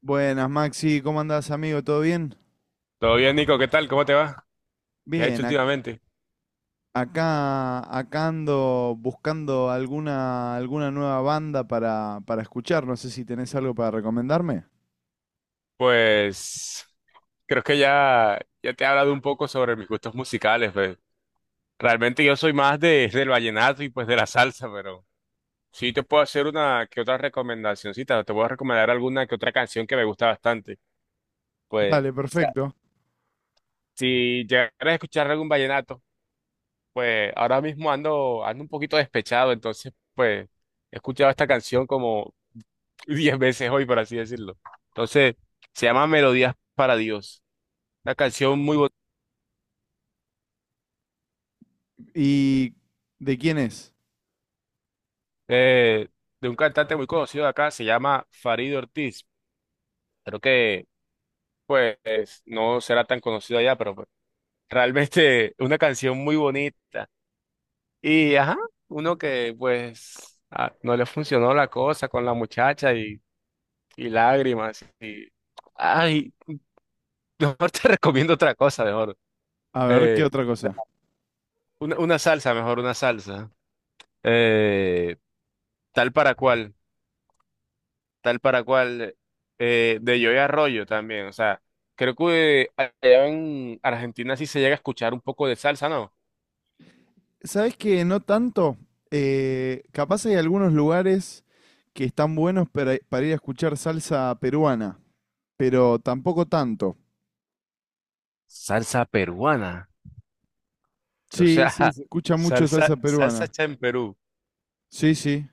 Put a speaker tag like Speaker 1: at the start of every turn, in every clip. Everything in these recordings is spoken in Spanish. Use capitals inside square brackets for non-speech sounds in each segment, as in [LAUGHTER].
Speaker 1: Buenas, Maxi, ¿cómo andás, amigo? ¿Todo bien?
Speaker 2: Todo bien, Nico, ¿qué tal? ¿Cómo te va? ¿Qué has hecho
Speaker 1: Bien, ac-
Speaker 2: últimamente?
Speaker 1: acá ando buscando alguna nueva banda para escuchar. No sé si tenés algo para recomendarme.
Speaker 2: Pues creo que ya te he hablado un poco sobre mis gustos musicales, pues. Realmente yo soy más del vallenato y pues de la salsa, pero sí te puedo hacer una que otra recomendacioncita, te puedo recomendar alguna que otra canción que me gusta bastante. Pues, o
Speaker 1: Vale,
Speaker 2: sea,
Speaker 1: perfecto.
Speaker 2: si llegaras a escuchar algún vallenato, pues ahora mismo ando un poquito despechado, entonces pues he escuchado esta canción como [LAUGHS] 10 veces hoy, por así decirlo. Entonces, se llama Melodías para Dios. Una canción muy bo-
Speaker 1: ¿Y de quién es?
Speaker 2: eh, de un cantante muy conocido de acá, se llama Farid Ortiz. Creo que pues no será tan conocido allá, pero pues, [LAUGHS] realmente una canción muy bonita. Y ajá, uno que pues no le funcionó la cosa con la muchacha y lágrimas y ay, mejor te [LAUGHS] recomiendo otra cosa, mejor.
Speaker 1: A ver, ¿qué
Speaker 2: Eh,
Speaker 1: otra cosa?
Speaker 2: una salsa, mejor una salsa. Eh, Tal para cual, tal para cual. De Joey Arroyo también. O sea, creo que allá en Argentina sí se llega a escuchar un poco de salsa, ¿no?
Speaker 1: ¿Sabés que no tanto? Capaz hay algunos lugares que están buenos para ir a escuchar salsa peruana, pero tampoco tanto.
Speaker 2: Salsa peruana. O
Speaker 1: Sí,
Speaker 2: sea,
Speaker 1: sí,
Speaker 2: [LAUGHS]
Speaker 1: se escucha mucho
Speaker 2: salsa,
Speaker 1: salsa
Speaker 2: salsa
Speaker 1: peruana.
Speaker 2: hecha en Perú.
Speaker 1: Sí, sí.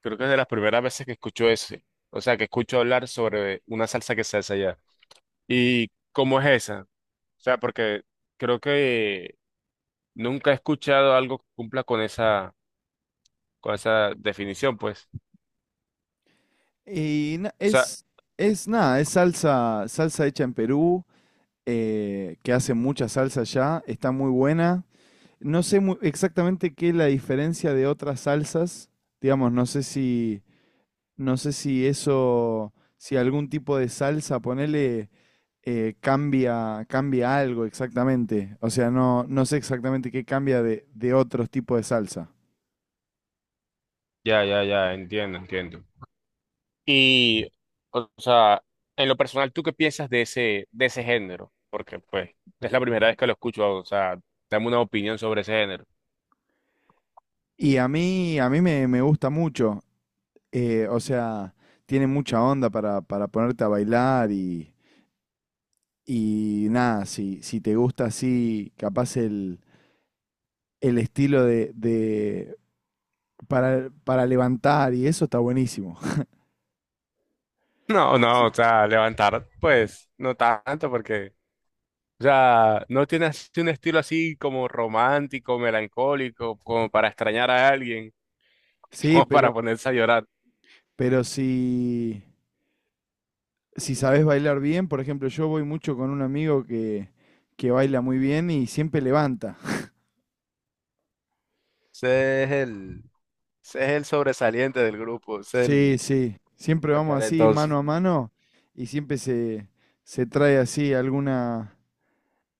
Speaker 2: Creo que es de las primeras veces que escucho ese. O sea, que escucho hablar sobre una salsa que se hace allá. ¿Y cómo es esa? O sea, porque creo que nunca he escuchado algo que cumpla con esa definición, pues.
Speaker 1: Y na-
Speaker 2: O sea,
Speaker 1: es, es nada, es salsa, salsa hecha en Perú, que hace mucha salsa allá, está muy buena. No sé mu- Exactamente qué es la diferencia de otras salsas, digamos, no sé si eso, si algún tipo de salsa, ponele, cambia algo exactamente. O sea, no sé exactamente qué cambia de otros tipos de salsa.
Speaker 2: ya, ya, ya, entiendo, entiendo. Y, o sea, en lo personal, ¿tú qué piensas de ese género? Porque, pues, es la primera vez que lo escucho, o sea, dame una opinión sobre ese género. [LAUGHS]
Speaker 1: Y me gusta mucho. O sea, tiene mucha onda para ponerte a bailar y nada, si te gusta así, el estilo para levantar y eso está buenísimo. [LAUGHS]
Speaker 2: No,
Speaker 1: Sí.
Speaker 2: no, o sea, levantar, pues, no tanto, porque, o sea, no tiene así un estilo así como romántico, melancólico, como para extrañar a alguien, [LAUGHS]
Speaker 1: Sí,
Speaker 2: como para
Speaker 1: pero,
Speaker 2: ponerse a llorar.
Speaker 1: pero si, si sabes bailar bien, por ejemplo, yo voy mucho con un amigo que baila muy bien y siempre levanta.
Speaker 2: Ese es el, Ese es el sobresaliente del grupo, ese es
Speaker 1: Sí,
Speaker 2: el,
Speaker 1: sí, siempre
Speaker 2: el
Speaker 1: vamos así
Speaker 2: talentoso.
Speaker 1: mano a mano y se trae así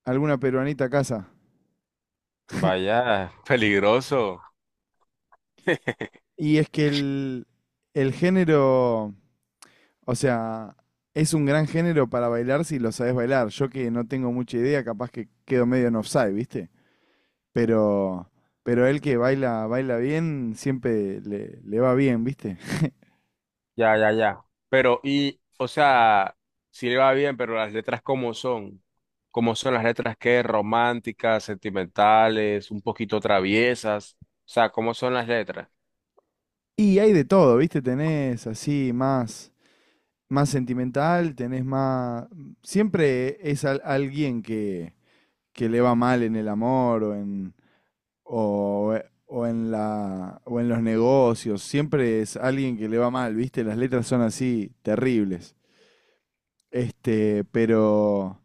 Speaker 1: alguna peruanita a casa.
Speaker 2: Vaya, peligroso. [LAUGHS]
Speaker 1: Y es que el género, o sea, es un gran género para bailar si lo sabes bailar. Yo que no tengo mucha idea, capaz que quedo medio en offside, ¿viste? Pero, pero él que baila, baila bien, le va bien, ¿viste?
Speaker 2: Ya, ya, ya. Pero, y, o sea, sí le va bien, pero las letras cómo son las letras qué románticas, sentimentales, un poquito traviesas, o sea, cómo son las letras.
Speaker 1: Y hay de todo, ¿viste? Tenés así más, más sentimental, tenés más. Siempre es alguien que le va mal en el amor o, o en los negocios, siempre es alguien que le va mal, ¿viste? Las letras son así terribles. Este,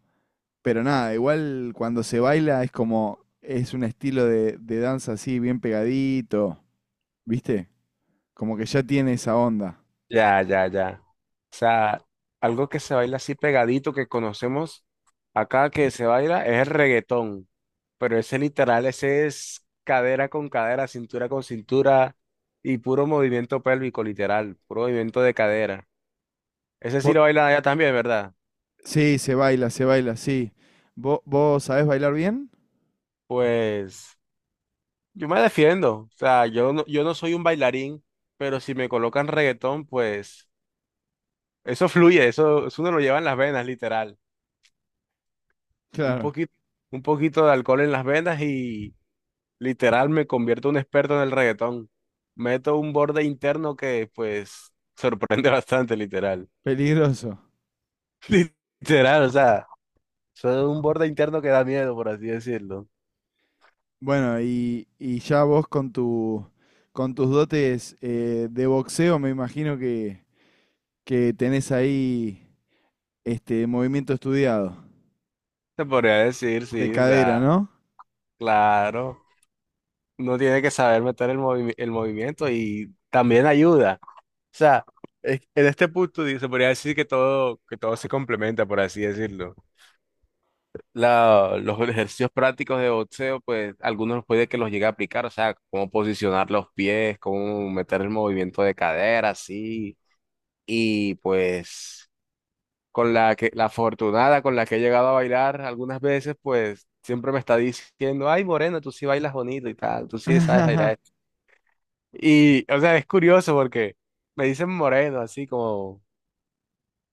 Speaker 1: pero nada, igual cuando se baila es como, es un estilo de danza así, bien pegadito, ¿viste? Como que ya tiene esa onda.
Speaker 2: Ya, ya, ya. O sea, algo que se baila así pegadito que conocemos acá que se baila es el reggaetón, pero ese literal, ese es cadera con cadera, cintura con cintura y puro movimiento pélvico, literal, puro movimiento de cadera. Ese sí
Speaker 1: Vo-
Speaker 2: lo baila allá también, ¿verdad?
Speaker 1: sí, se baila, sí. Vos sabés bailar bien?
Speaker 2: Pues yo me defiendo, o sea, yo no soy un bailarín, pero si me colocan reggaetón, pues eso fluye, eso uno lo lleva en las venas, literal. un
Speaker 1: Claro,
Speaker 2: poquito, un poquito de alcohol en las venas y literal me convierto en un experto en el reggaetón. Meto un borde interno que pues [LAUGHS] sorprende bastante, literal.
Speaker 1: peligroso.
Speaker 2: [LAUGHS] Literal, o sea, soy un borde interno que da miedo, por así decirlo.
Speaker 1: Bueno, y ya vos con tus dotes de boxeo, me imagino que tenés ahí este movimiento estudiado
Speaker 2: Se podría decir,
Speaker 1: de
Speaker 2: sí, o
Speaker 1: cadera,
Speaker 2: sea,
Speaker 1: ¿no?
Speaker 2: claro, uno tiene que saber meter el movimiento y también ayuda. O sea, en este punto se podría decir que todo se complementa, por así decirlo. Los ejercicios prácticos de boxeo, pues algunos puede que los llegue a aplicar, o sea, cómo posicionar los pies, cómo meter el movimiento de cadera, así. Y pues con la que la afortunada con la que he llegado a bailar algunas veces, pues siempre me está diciendo, ay, Moreno, tú sí bailas bonito y tal, tú sí sabes bailar.
Speaker 1: [LAUGHS]
Speaker 2: Esto. Y, o sea, es curioso porque me dicen Moreno, así como,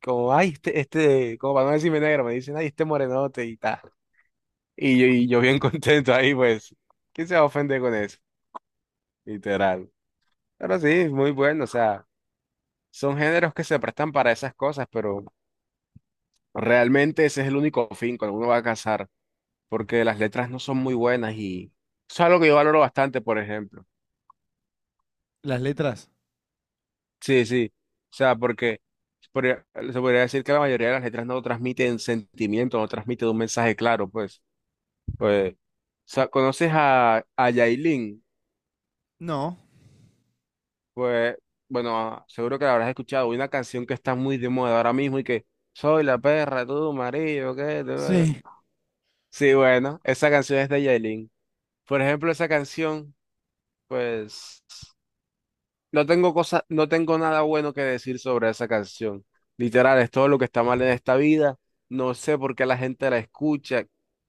Speaker 2: como, ay, este, como para no decirme negro, me dicen, ay, este morenote y tal. Y yo bien [LAUGHS] contento ahí, pues, ¿quién se va a ofender con eso? Literal. Pero sí, muy bueno, o sea, son géneros que se prestan para esas cosas, pero realmente ese es el único fin cuando uno va a casar, porque las letras no son muy buenas y eso es algo que yo valoro bastante, por ejemplo.
Speaker 1: ¿Las letras?
Speaker 2: Sí, sí, o sea, porque se podría se podría decir que la mayoría de las letras no transmiten sentimiento, no transmiten un mensaje claro, pues. Pues, o sea, ¿conoces a Yailin?
Speaker 1: No.
Speaker 2: Pues, bueno, seguro que la habrás escuchado. Una canción que está muy de moda ahora mismo y que soy la perra, tú, marido, ¿qué?
Speaker 1: Sí,
Speaker 2: Sí, bueno, esa canción es de Yailin. Por ejemplo, esa canción, pues, no tengo cosa, no tengo nada bueno que decir sobre esa canción. Literal, es todo lo que está mal en esta vida. No sé por qué la gente la escucha,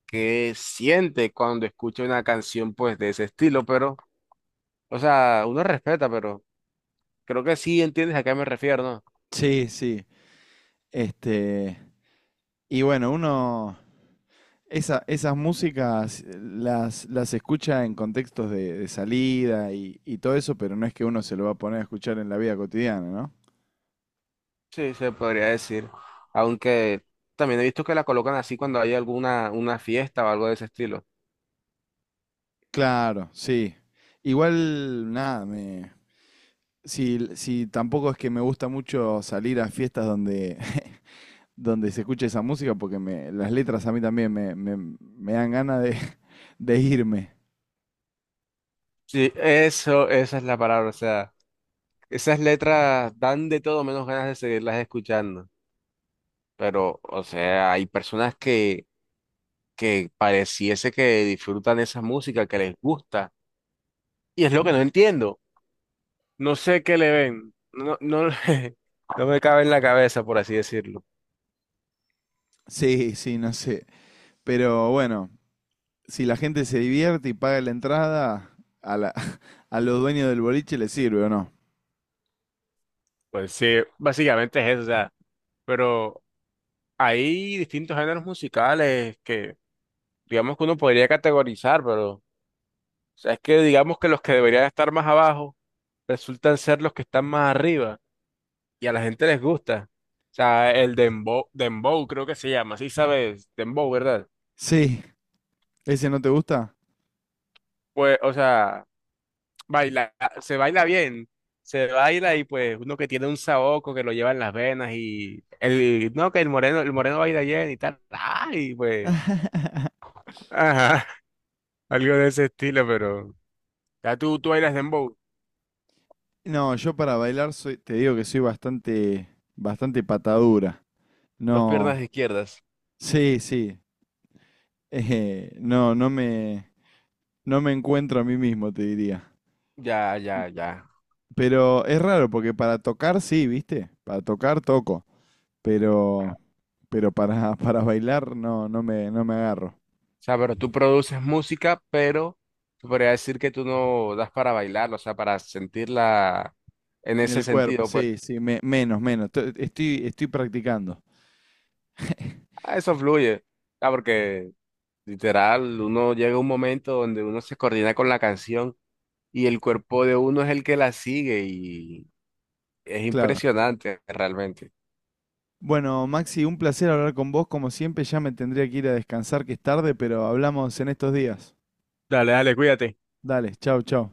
Speaker 2: qué siente cuando escucha una canción, pues, de ese estilo, pero, o sea, uno respeta, pero creo que sí entiendes a qué me refiero, ¿no?
Speaker 1: sí, sí. Este, y bueno, uno esas músicas las escucha en contextos de salida y todo eso, pero no es que uno se lo va a poner a escuchar en la vida cotidiana, ¿no?
Speaker 2: Sí, se podría decir. Aunque también he visto que la colocan así cuando hay alguna una fiesta o algo de ese estilo.
Speaker 1: Claro, sí. Igual, nada, me, si tampoco es que me gusta mucho salir a fiestas donde, [LAUGHS] donde se escucha esa música, porque me, las letras a mí también me dan ganas [LAUGHS] de irme.
Speaker 2: Sí, eso, esa es la palabra. O sea, esas letras dan de todo menos ganas de seguirlas escuchando. Pero, o sea, hay personas que pareciese que disfrutan esa música, que les gusta. Y es lo que no entiendo. No sé qué le ven. No, no, [LAUGHS] no me cabe en la cabeza, por así decirlo.
Speaker 1: Sí, sí, no sé. Pero bueno, si la gente se divierte y paga la entrada, a, la, [LAUGHS] a los dueños del boliche les sirve o no.
Speaker 2: Pues sí, básicamente es eso. O sea, pero. Hay distintos géneros musicales que, digamos que uno podría categorizar, pero, o sea, es que digamos que los que deberían estar más abajo resultan ser los que están más arriba y a la gente les gusta. O sea, el dembow, dembow creo que se llama, sí sabes, dembow, ¿verdad?
Speaker 1: Sí, ¿ese no te gusta?
Speaker 2: Pues, o sea, baila, se baila bien, se baila y pues uno que tiene un saoco que lo lleva en las venas y el, no, que el moreno baila bien y tal, ay, pues,
Speaker 1: [LAUGHS]
Speaker 2: ajá, [LAUGHS] algo de ese estilo, pero. Ya tú bailas dembow.
Speaker 1: No, yo para bailar soy, te digo que soy bastante, bastante patadura.
Speaker 2: Dos
Speaker 1: No,
Speaker 2: piernas izquierdas.
Speaker 1: sí, sí. Eh, no, no me, no me encuentro a mí mismo, te diría.
Speaker 2: Ya, ya, ya.
Speaker 1: Pero es raro, porque para tocar sí, ¿viste? Para tocar toco, pero, [LAUGHS] para bailar no, no me agarro.
Speaker 2: O sea, pero tú produces música, pero tú podría decir que tú no das para bailar, o sea, para sentirla en
Speaker 1: En
Speaker 2: ese
Speaker 1: el cuerpo,
Speaker 2: sentido, pues
Speaker 1: sí, sí, menos, menos. Estoy, estoy practicando,
Speaker 2: eso fluye. Ah, porque literal, uno llega a un momento donde uno se coordina con la canción y el cuerpo de uno es el que la sigue y es
Speaker 1: claro.
Speaker 2: impresionante realmente.
Speaker 1: Bueno, Maxi, un placer hablar con vos. Como siempre, ya me tendría que ir a descansar, que es tarde, pero hablamos en estos días.
Speaker 2: Dale, dale, cuídate.
Speaker 1: Dale, chau, chau.